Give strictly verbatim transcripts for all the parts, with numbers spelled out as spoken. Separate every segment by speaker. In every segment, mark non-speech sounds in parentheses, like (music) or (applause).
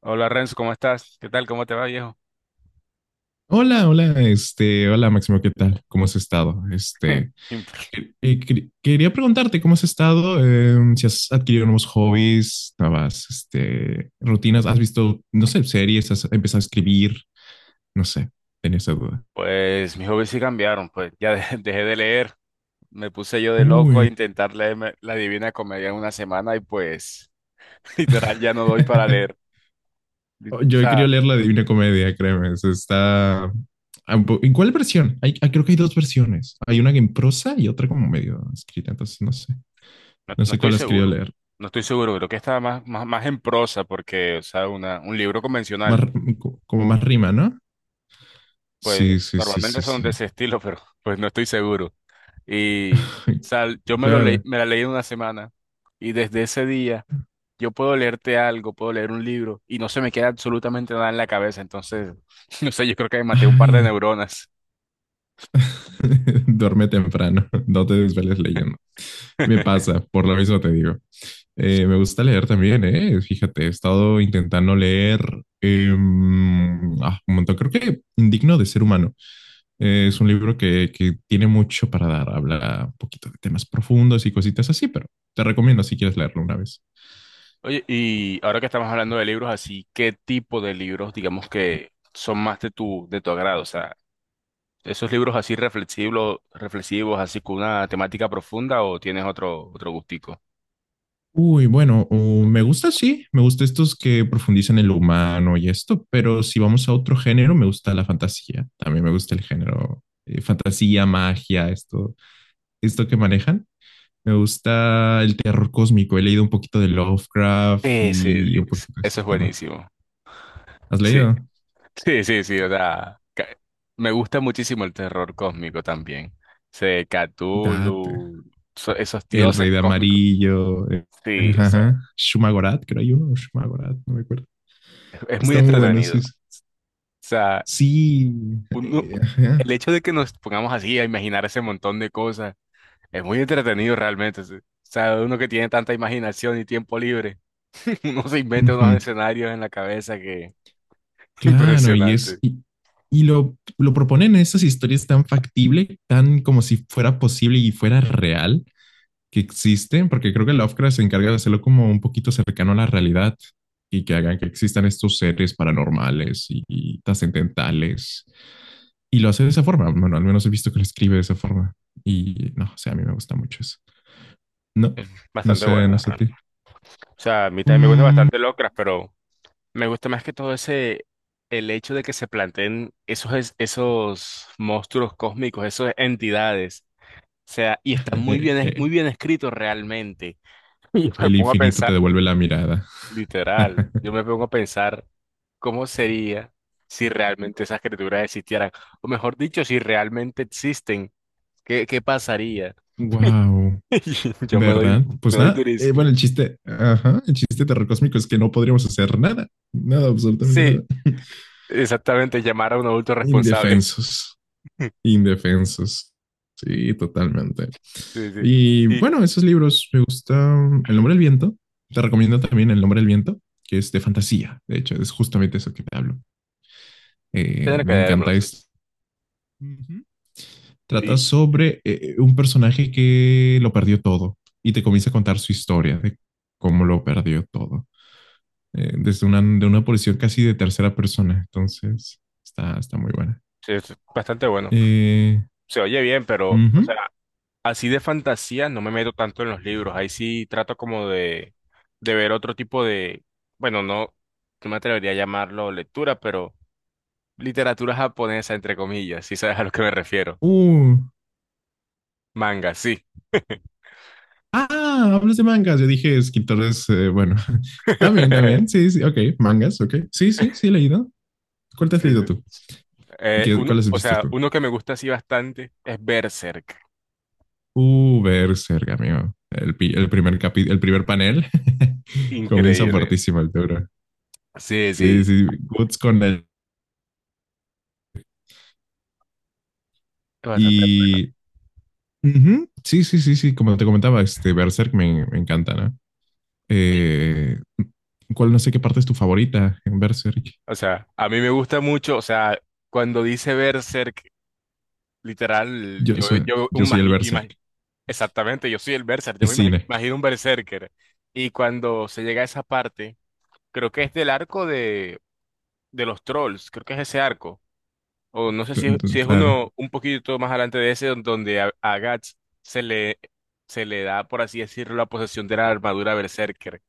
Speaker 1: Hola Renzo, ¿cómo estás? ¿Qué tal? ¿Cómo te va, viejo?
Speaker 2: Hola, hola, este, hola Máximo, ¿qué tal? ¿Cómo has estado? Este,
Speaker 1: (laughs)
Speaker 2: que- eh, quer- quería preguntarte cómo has estado. Em, ¿si has adquirido nuevos hobbies, nuevas, este, rutinas, has visto, no sé, series, has empezado a escribir, no sé? Tenía esa duda.
Speaker 1: Pues mis hobbies sí cambiaron, pues ya de- (laughs) dejé de leer, me puse yo de loco a
Speaker 2: Uy.
Speaker 1: intentar leerme La Divina Comedia en una semana y pues (laughs) literal ya no doy para leer.
Speaker 2: (laughs)
Speaker 1: O
Speaker 2: Yo he
Speaker 1: sea,
Speaker 2: querido leer la Divina Comedia, créeme, eso está... un po- ¿En cuál versión? Hay, ah, creo que hay dos versiones. Hay una en prosa y otra como medio escrita, entonces no sé,
Speaker 1: no,
Speaker 2: no
Speaker 1: no
Speaker 2: sé
Speaker 1: estoy
Speaker 2: cuál has querido
Speaker 1: seguro,
Speaker 2: leer.
Speaker 1: no estoy seguro, creo que está más, más, más en prosa porque, o sea, una, un libro
Speaker 2: Más,
Speaker 1: convencional,
Speaker 2: r- co- como más rima, ¿no?
Speaker 1: pues
Speaker 2: Sí, sí, sí,
Speaker 1: normalmente
Speaker 2: sí,
Speaker 1: son de
Speaker 2: sí.
Speaker 1: ese (laughs) estilo, pero pues no estoy seguro. Y, o
Speaker 2: (laughs)
Speaker 1: sea, yo me lo leí,
Speaker 2: Claro.
Speaker 1: me la leí en una semana y desde ese día... Yo puedo leerte algo, puedo leer un libro y no se me queda absolutamente nada en la cabeza. Entonces, (laughs) no sé, yo creo que me maté un par de
Speaker 2: Ay,
Speaker 1: neuronas.
Speaker 2: (laughs) duerme temprano, (laughs) no te desveles leyendo. Me
Speaker 1: (laughs)
Speaker 2: pasa, por lo mismo te digo. Eh, me gusta leer también, eh. Fíjate, he estado intentando leer eh, ah, un montón. Creo que Indigno de Ser Humano. Eh, es un libro que, que tiene mucho para dar. Habla un poquito de temas profundos y cositas así, pero te recomiendo si quieres leerlo una vez.
Speaker 1: Oye, y ahora que estamos hablando de libros así, ¿qué tipo de libros, digamos que son más de tu, de tu agrado? O sea, ¿esos libros así reflexivos, reflexivos, así con una temática profunda o tienes otro, otro gustico?
Speaker 2: Uy, bueno, uh, me gusta, sí, me gusta estos que profundizan en lo humano y esto, pero si vamos a otro género, me gusta la fantasía. También me gusta el género eh, fantasía, magia, esto, esto que manejan. Me gusta el terror cósmico. He leído un poquito de Lovecraft y
Speaker 1: Ese,
Speaker 2: un
Speaker 1: es-
Speaker 2: poquito de
Speaker 1: eso
Speaker 2: esos
Speaker 1: es
Speaker 2: temas.
Speaker 1: buenísimo.
Speaker 2: ¿Has
Speaker 1: Sí.
Speaker 2: leído?
Speaker 1: Sí, sí, sí, o sea, ca- me gusta muchísimo el terror cósmico también. Sé,
Speaker 2: Date.
Speaker 1: Cthulhu, so- esos
Speaker 2: El
Speaker 1: dioses
Speaker 2: Rey de
Speaker 1: cósmicos.
Speaker 2: Amarillo. Eh,
Speaker 1: Sí, o sea,
Speaker 2: ajá. Shumagorat, creo hay uno. O Shumagorat, no me acuerdo.
Speaker 1: es, es muy
Speaker 2: Está muy bueno,
Speaker 1: entretenido. O
Speaker 2: sí. Sí.
Speaker 1: sea,
Speaker 2: Sí,
Speaker 1: uno-
Speaker 2: eh,
Speaker 1: el
Speaker 2: ajá.
Speaker 1: hecho de que nos pongamos así a imaginar ese montón de cosas es muy entretenido realmente. Sí. O sea, uno que tiene tanta imaginación y tiempo libre, (laughs) uno se inventa unos
Speaker 2: Ujú.
Speaker 1: escenarios en la cabeza que (laughs)
Speaker 2: Claro, y es.
Speaker 1: impresionante.
Speaker 2: Y, y lo, lo proponen en estas historias tan factible, tan como si fuera posible y fuera real que existen porque creo que Lovecraft se encarga de hacerlo como un poquito cercano a la realidad y que hagan que existan estos seres paranormales y, y trascendentales y lo hace de esa forma. Bueno, al menos he visto que lo escribe de esa forma. Y no, o sea, a mí me gusta mucho eso. No, no
Speaker 1: Bastante
Speaker 2: sé, no
Speaker 1: bueno.
Speaker 2: sé a ti.
Speaker 1: O sea, a mí también me gusta
Speaker 2: Mm,
Speaker 1: bastante Lovecraft, pero me gusta más que todo ese, el hecho de que se planteen esos, es- esos monstruos cósmicos, esas entidades. O sea, y está muy bien, es- muy
Speaker 2: (laughs)
Speaker 1: bien escrito realmente. (laughs) Y me
Speaker 2: el
Speaker 1: pongo a
Speaker 2: infinito te
Speaker 1: pensar,
Speaker 2: devuelve la mirada.
Speaker 1: literal, yo
Speaker 2: (laughs)
Speaker 1: me pongo a pensar cómo sería si realmente esas criaturas existieran. O mejor dicho, si realmente existen, ¿qué, qué pasaría?
Speaker 2: Wow.
Speaker 1: (laughs) Y yo me doy,
Speaker 2: ¿Verdad? Pues
Speaker 1: me doy
Speaker 2: nada, eh, bueno,
Speaker 1: durísimo.
Speaker 2: el chiste, ajá, el chiste terrorcósmico es que no podríamos hacer nada, nada, absolutamente nada.
Speaker 1: Sí,
Speaker 2: (laughs)
Speaker 1: exactamente, llamar a un adulto responsable. (laughs)
Speaker 2: Indefensos. Indefensos. Sí, totalmente.
Speaker 1: Sí, sí.
Speaker 2: Y
Speaker 1: Y
Speaker 2: bueno, esos libros me gustan. El nombre del viento. Te recomiendo también El nombre del viento, que es de fantasía. De hecho, es justamente eso que te hablo. Eh,
Speaker 1: tener que
Speaker 2: me
Speaker 1: dármelo,
Speaker 2: encanta esto. Ujú. Trata
Speaker 1: sí.
Speaker 2: sobre eh, un personaje que lo perdió todo y te comienza a contar su historia de cómo lo perdió todo. Eh, desde una, de una posición casi de tercera persona. Entonces, está, está muy buena.
Speaker 1: Sí, es bastante bueno.
Speaker 2: Eh,
Speaker 1: Se oye bien, pero, o sea,
Speaker 2: Ujú.
Speaker 1: así de fantasía no me meto tanto en los libros. Ahí sí trato como de, de ver otro tipo de, bueno, no, no me atrevería a llamarlo lectura, pero literatura japonesa, entre comillas, si sabes a lo que me refiero.
Speaker 2: Uh,
Speaker 1: Manga, sí.
Speaker 2: Ah, hablas de mangas. Yo dije escritores, eh, bueno, (laughs) también, también.
Speaker 1: (laughs)
Speaker 2: Sí, sí, ok. Mangas, ok. Sí, sí, sí, he leído. ¿Cuál te
Speaker 1: Sí,
Speaker 2: has leído tú?
Speaker 1: sí. Eh,
Speaker 2: ¿Qué, cuál
Speaker 1: uno,
Speaker 2: has
Speaker 1: o
Speaker 2: visto
Speaker 1: sea,
Speaker 2: tú?
Speaker 1: uno que me gusta así bastante es Berserk.
Speaker 2: Uh, Berserk, amigo. El, pi- el primer capi- El primer panel (laughs) comienza
Speaker 1: Increíble.
Speaker 2: fuertísimo el toro.
Speaker 1: Sí,
Speaker 2: Sí,
Speaker 1: sí,
Speaker 2: sí, Guts con él.
Speaker 1: es bastante.
Speaker 2: Y ujú, sí, sí, sí, sí, como te comentaba, este Berserk me, me encanta, ¿no? Eh, ¿cuál no sé qué parte es tu favorita en Berserk?
Speaker 1: O sea, a mí me gusta mucho, o sea, cuando dice Berserk literal,
Speaker 2: Yo
Speaker 1: yo,
Speaker 2: soy,
Speaker 1: yo
Speaker 2: yo soy el
Speaker 1: imagi-
Speaker 2: Berserk.
Speaker 1: imagi- exactamente, yo soy el berserker, yo
Speaker 2: Es
Speaker 1: me ima-
Speaker 2: cine.
Speaker 1: imagino un berserker. Y cuando se llega a esa parte, creo que es del arco de, de los trolls, creo que es ese arco. O no sé si, es-
Speaker 2: Cl-
Speaker 1: si es
Speaker 2: Claro.
Speaker 1: uno un poquito más adelante de ese, don- donde a, a Guts se le, se le da, por así decirlo, la posesión de la armadura berserker.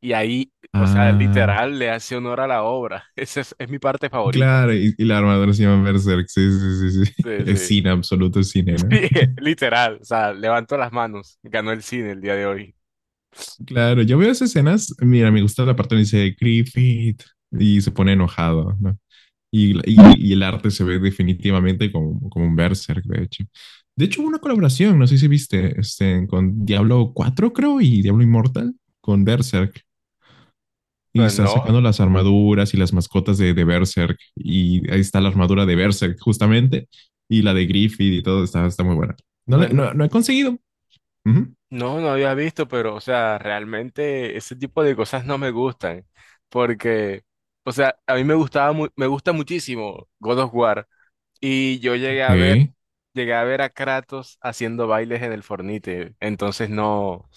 Speaker 1: Y ahí, o sea,
Speaker 2: Ah,
Speaker 1: literal, le hace honor a la obra. (laughs) Esa es, es mi parte favorita.
Speaker 2: claro, y, y la armadura se llama Berserk. Sí, sí, sí, sí. (laughs)
Speaker 1: Sí,
Speaker 2: Es
Speaker 1: sí.
Speaker 2: cine, absoluto es cine,
Speaker 1: (laughs)
Speaker 2: ¿no?
Speaker 1: Sí, literal, o sea, levanto las manos, ganó el cine el día de hoy.
Speaker 2: Claro, yo veo esas escenas. Mira, me gusta la parte donde dice Griffith y se pone enojado, ¿no? Y, y- y el arte se ve definitivamente como, como un Berserk, de hecho. De hecho, hubo una colaboración, no sé si viste, este, con Diablo cuatro creo, y Diablo Immortal con Berserk. Y
Speaker 1: Pues
Speaker 2: están sacando
Speaker 1: no,
Speaker 2: las armaduras y las mascotas de, de Berserk. Y ahí está la armadura de Berserk, justamente. Y la de Griffith y todo. Está, está muy buena. No, le,
Speaker 1: pues no,
Speaker 2: no, no he conseguido. Ujú.
Speaker 1: no, no había visto, pero, o sea, realmente ese tipo de cosas no me gustan, porque, o sea, a mí me gustaba, mu- me gusta muchísimo God of War, y yo llegué
Speaker 2: Ok.
Speaker 1: a ver, llegué a ver a Kratos haciendo bailes en el Fornite, entonces no,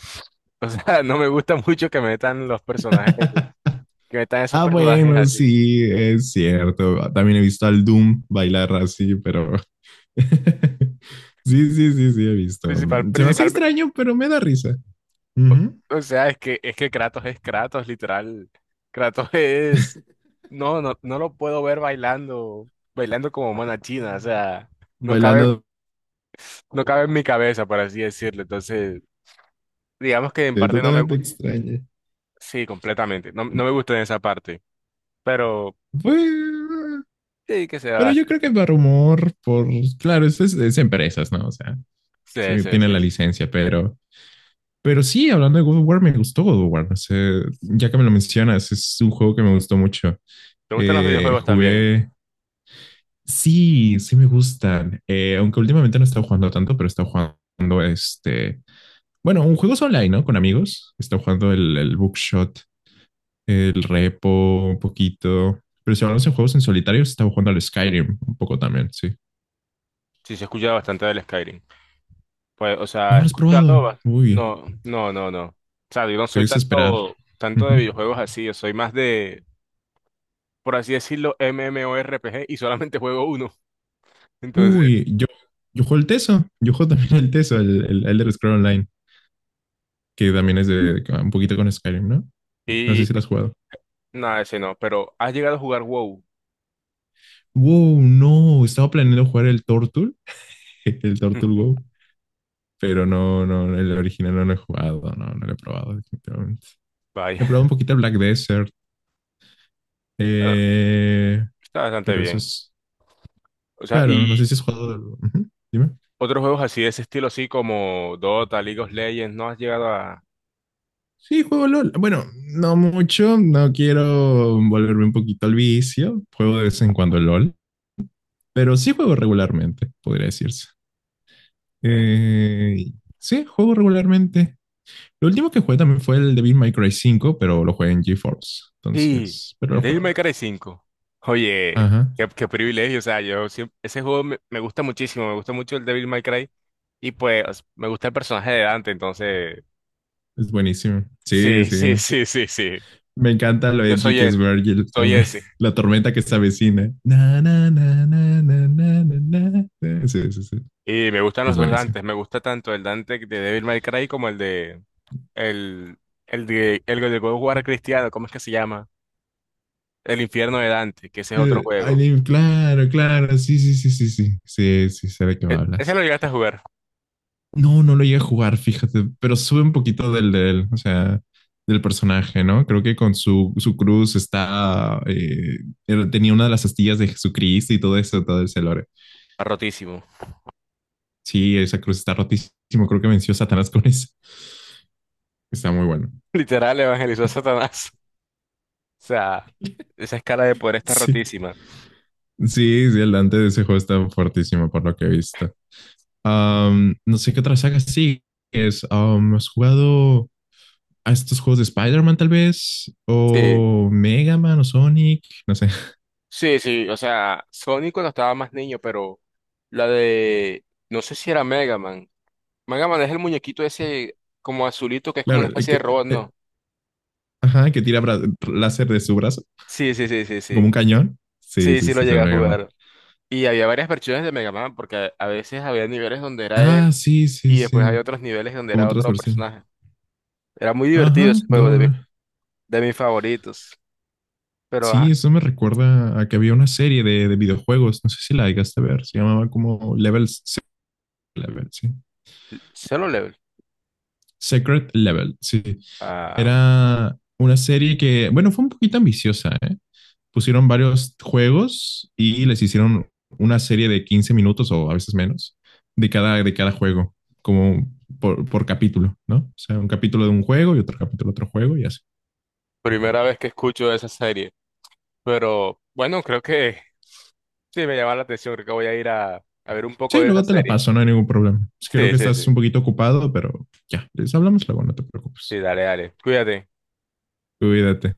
Speaker 1: o sea, (laughs) no me gusta mucho que metan los personajes,
Speaker 2: (laughs)
Speaker 1: que metan esos
Speaker 2: Ah,
Speaker 1: personajes
Speaker 2: bueno,
Speaker 1: así,
Speaker 2: sí, es cierto. También he visto al Doom bailar así, pero (laughs) sí, sí, sí, sí, he visto.
Speaker 1: principal,
Speaker 2: Se me hace extraño, pero me da risa. Ujú.
Speaker 1: o sea, es que, es que Kratos es Kratos, literal. Kratos es...
Speaker 2: (laughs)
Speaker 1: No, no, no lo puedo ver bailando, bailando como mona china, o sea, no cabe,
Speaker 2: Bailando
Speaker 1: no cabe en mi cabeza, por así decirlo. Entonces, digamos que en
Speaker 2: eh,
Speaker 1: parte no me
Speaker 2: totalmente
Speaker 1: gusta.
Speaker 2: extraño.
Speaker 1: Sí, completamente. No, no me gusta en esa parte, pero
Speaker 2: Pues,
Speaker 1: sí que se va a
Speaker 2: pero yo
Speaker 1: hacer.
Speaker 2: creo que Barrumor, por, claro, es, es, es empresas, ¿no? O sea,
Speaker 1: Sí,
Speaker 2: sí,
Speaker 1: sí,
Speaker 2: tiene
Speaker 1: sí.
Speaker 2: la licencia, pero, pero sí, hablando de God of War, me gustó God of War. O sea, ya que me lo mencionas, es un juego que me gustó mucho.
Speaker 1: ¿Te gustan los
Speaker 2: Eh,
Speaker 1: videojuegos también?
Speaker 2: jugué, sí, sí me gustan. Eh, aunque últimamente no he estado jugando tanto, pero he estado jugando este, bueno, un juego online, ¿no? Con amigos. He estado jugando el, el Bookshot, el Repo, un poquito. Pero si hablamos de juegos en solitario, he estado jugando al Skyrim un poco también, sí.
Speaker 1: Sí, se escucha bastante del Skyrim. Pues, o
Speaker 2: No
Speaker 1: sea,
Speaker 2: lo
Speaker 1: he
Speaker 2: has probado.
Speaker 1: escuchado... ba-
Speaker 2: Uy,
Speaker 1: No, no, no, no. O sea, yo no soy
Speaker 2: debes esperar.
Speaker 1: tanto, tanto de
Speaker 2: Ujú.
Speaker 1: videojuegos así, yo soy más de por así decirlo, MMORPG y solamente juego uno. (laughs) Entonces,
Speaker 2: Uy, yo, yo juego el Teso. Yo juego también el Teso, el, el Elder Scroll Online, que también es de un poquito con Skyrim, ¿no? No sé
Speaker 1: y
Speaker 2: si lo has jugado.
Speaker 1: nada, ese no, pero has llegado a jugar WoW.
Speaker 2: Wow, no, estaba planeando jugar el Tortul, (laughs) el Tortul
Speaker 1: (laughs)
Speaker 2: WoW, pero no, no, el original no lo he jugado, no, no lo he probado, definitivamente.
Speaker 1: Vaya,
Speaker 2: He probado un poquito el Black Desert,
Speaker 1: bueno,
Speaker 2: eh,
Speaker 1: está bastante
Speaker 2: pero eso
Speaker 1: bien.
Speaker 2: es,
Speaker 1: O sea,
Speaker 2: claro, no no
Speaker 1: y
Speaker 2: sé si has jugado. Ujú, dime.
Speaker 1: otros juegos así de ese estilo, así como Dota, League of Legends, no has llegado a...
Speaker 2: Sí, juego LOL. Bueno, no mucho, no quiero volverme un poquito al vicio. Juego de vez en cuando LOL, pero sí juego regularmente, podría decirse.
Speaker 1: eh,
Speaker 2: Eh, sí, juego regularmente. Lo último que jugué también fue el Devil May Cry cinco, pero lo jugué en GeForce.
Speaker 1: sí,
Speaker 2: Entonces, pero
Speaker 1: el
Speaker 2: lo jugué
Speaker 1: Devil
Speaker 2: un
Speaker 1: May
Speaker 2: rato.
Speaker 1: Cry cinco Oye,
Speaker 2: Ajá,
Speaker 1: qué, qué privilegio, o sea, yo siempre... Ese juego me, me gusta muchísimo, me gusta mucho el Devil May Cry y pues me gusta el personaje de Dante, entonces...
Speaker 2: es buenísimo. Sí,
Speaker 1: Sí, (laughs) sí,
Speaker 2: sí.
Speaker 1: sí, sí, sí.
Speaker 2: Me encanta lo
Speaker 1: Yo
Speaker 2: edgy
Speaker 1: soy
Speaker 2: que es
Speaker 1: él,
Speaker 2: Virgil
Speaker 1: soy
Speaker 2: también.
Speaker 1: ese.
Speaker 2: (laughs) La tormenta que se avecina. Na, na, na, na, na, na, na, na. Sí, sí, sí.
Speaker 1: Y me gustan
Speaker 2: Es
Speaker 1: los dos
Speaker 2: buenísimo.
Speaker 1: Dantes. Me gusta tanto el Dante de Devil May Cry como el de el el de el de God of War cristiano. ¿Cómo es que se llama? El infierno de Dante, que ese es otro
Speaker 2: Eh,
Speaker 1: juego.
Speaker 2: Alien, claro, claro, sí, sí, sí, sí, sí, sí, sí, sé de qué me
Speaker 1: E- ese
Speaker 2: hablas.
Speaker 1: lo llegaste a jugar.
Speaker 2: No, no lo llegué a jugar, fíjate, pero sube un poquito del, del, o sea, del personaje, ¿no? Creo que con su, su cruz está, eh, él tenía una de las astillas de Jesucristo y todo eso, todo ese lore.
Speaker 1: Está rotísimo.
Speaker 2: Sí, esa cruz está rotísimo, creo que venció a Satanás con eso. Está muy bueno.
Speaker 1: (laughs) Literal evangelizó a Satanás. (laughs) O sea,
Speaker 2: (laughs)
Speaker 1: esa escala de poder está
Speaker 2: Sí,
Speaker 1: rotísima.
Speaker 2: sí, sí, el Dante de ese juego está fuertísimo por lo que he visto. Am, no sé qué otra saga sí es. ¿Has jugado a estos juegos de Spider-Man tal vez,
Speaker 1: Sí,
Speaker 2: o Mega Man o Sonic, no sé? (laughs)
Speaker 1: sí, sí. O sea, Sonic cuando estaba más niño, pero la de no sé si era Mega Man. Mega Man es el muñequito ese como azulito que es como
Speaker 2: Claro,
Speaker 1: una
Speaker 2: el
Speaker 1: especie de
Speaker 2: que,
Speaker 1: robot,
Speaker 2: eh,
Speaker 1: ¿no?
Speaker 2: ajá, que tira bra- láser de su brazo,
Speaker 1: Sí, sí, sí, sí, sí.
Speaker 2: como un cañón. Sí,
Speaker 1: Sí,
Speaker 2: sí,
Speaker 1: sí lo
Speaker 2: sí, es
Speaker 1: llegué
Speaker 2: el
Speaker 1: a
Speaker 2: Mega Man.
Speaker 1: jugar. Y había varias versiones de Mega Man, porque a veces había niveles donde era él
Speaker 2: Ah, sí, sí,
Speaker 1: y después
Speaker 2: sí,
Speaker 1: había otros niveles donde
Speaker 2: como
Speaker 1: era
Speaker 2: otras
Speaker 1: otro
Speaker 2: versiones.
Speaker 1: personaje. Era muy
Speaker 2: Ajá,
Speaker 1: divertido ese juego, de, mi-
Speaker 2: doble.
Speaker 1: de mis favoritos. Pero, ajá,
Speaker 2: Sí, eso me recuerda a que había una serie de, de videojuegos, no sé si la llegaste a ver, se llamaba como Level, Se- Level, sí.
Speaker 1: Solo Level.
Speaker 2: Secret Level, sí.
Speaker 1: Ah,
Speaker 2: Era una serie que, bueno, fue un poquito ambiciosa, ¿eh? Pusieron varios juegos y les hicieron una serie de quince minutos o a veces menos de cada, de cada juego, como por, por capítulo, ¿no? O sea, un capítulo de un juego y otro capítulo de otro juego y así.
Speaker 1: primera vez que escucho de esa serie. Pero, bueno, creo que sí me llama la atención. Creo que voy a ir a, a ver un poco
Speaker 2: Sí,
Speaker 1: de esa
Speaker 2: luego te la
Speaker 1: serie.
Speaker 2: paso, no hay ningún problema. Creo
Speaker 1: Sí,
Speaker 2: que
Speaker 1: sí, sí.
Speaker 2: estás un poquito ocupado, pero ya, les hablamos luego, no te
Speaker 1: Sí,
Speaker 2: preocupes.
Speaker 1: dale, dale. Cuídate.
Speaker 2: Cuídate.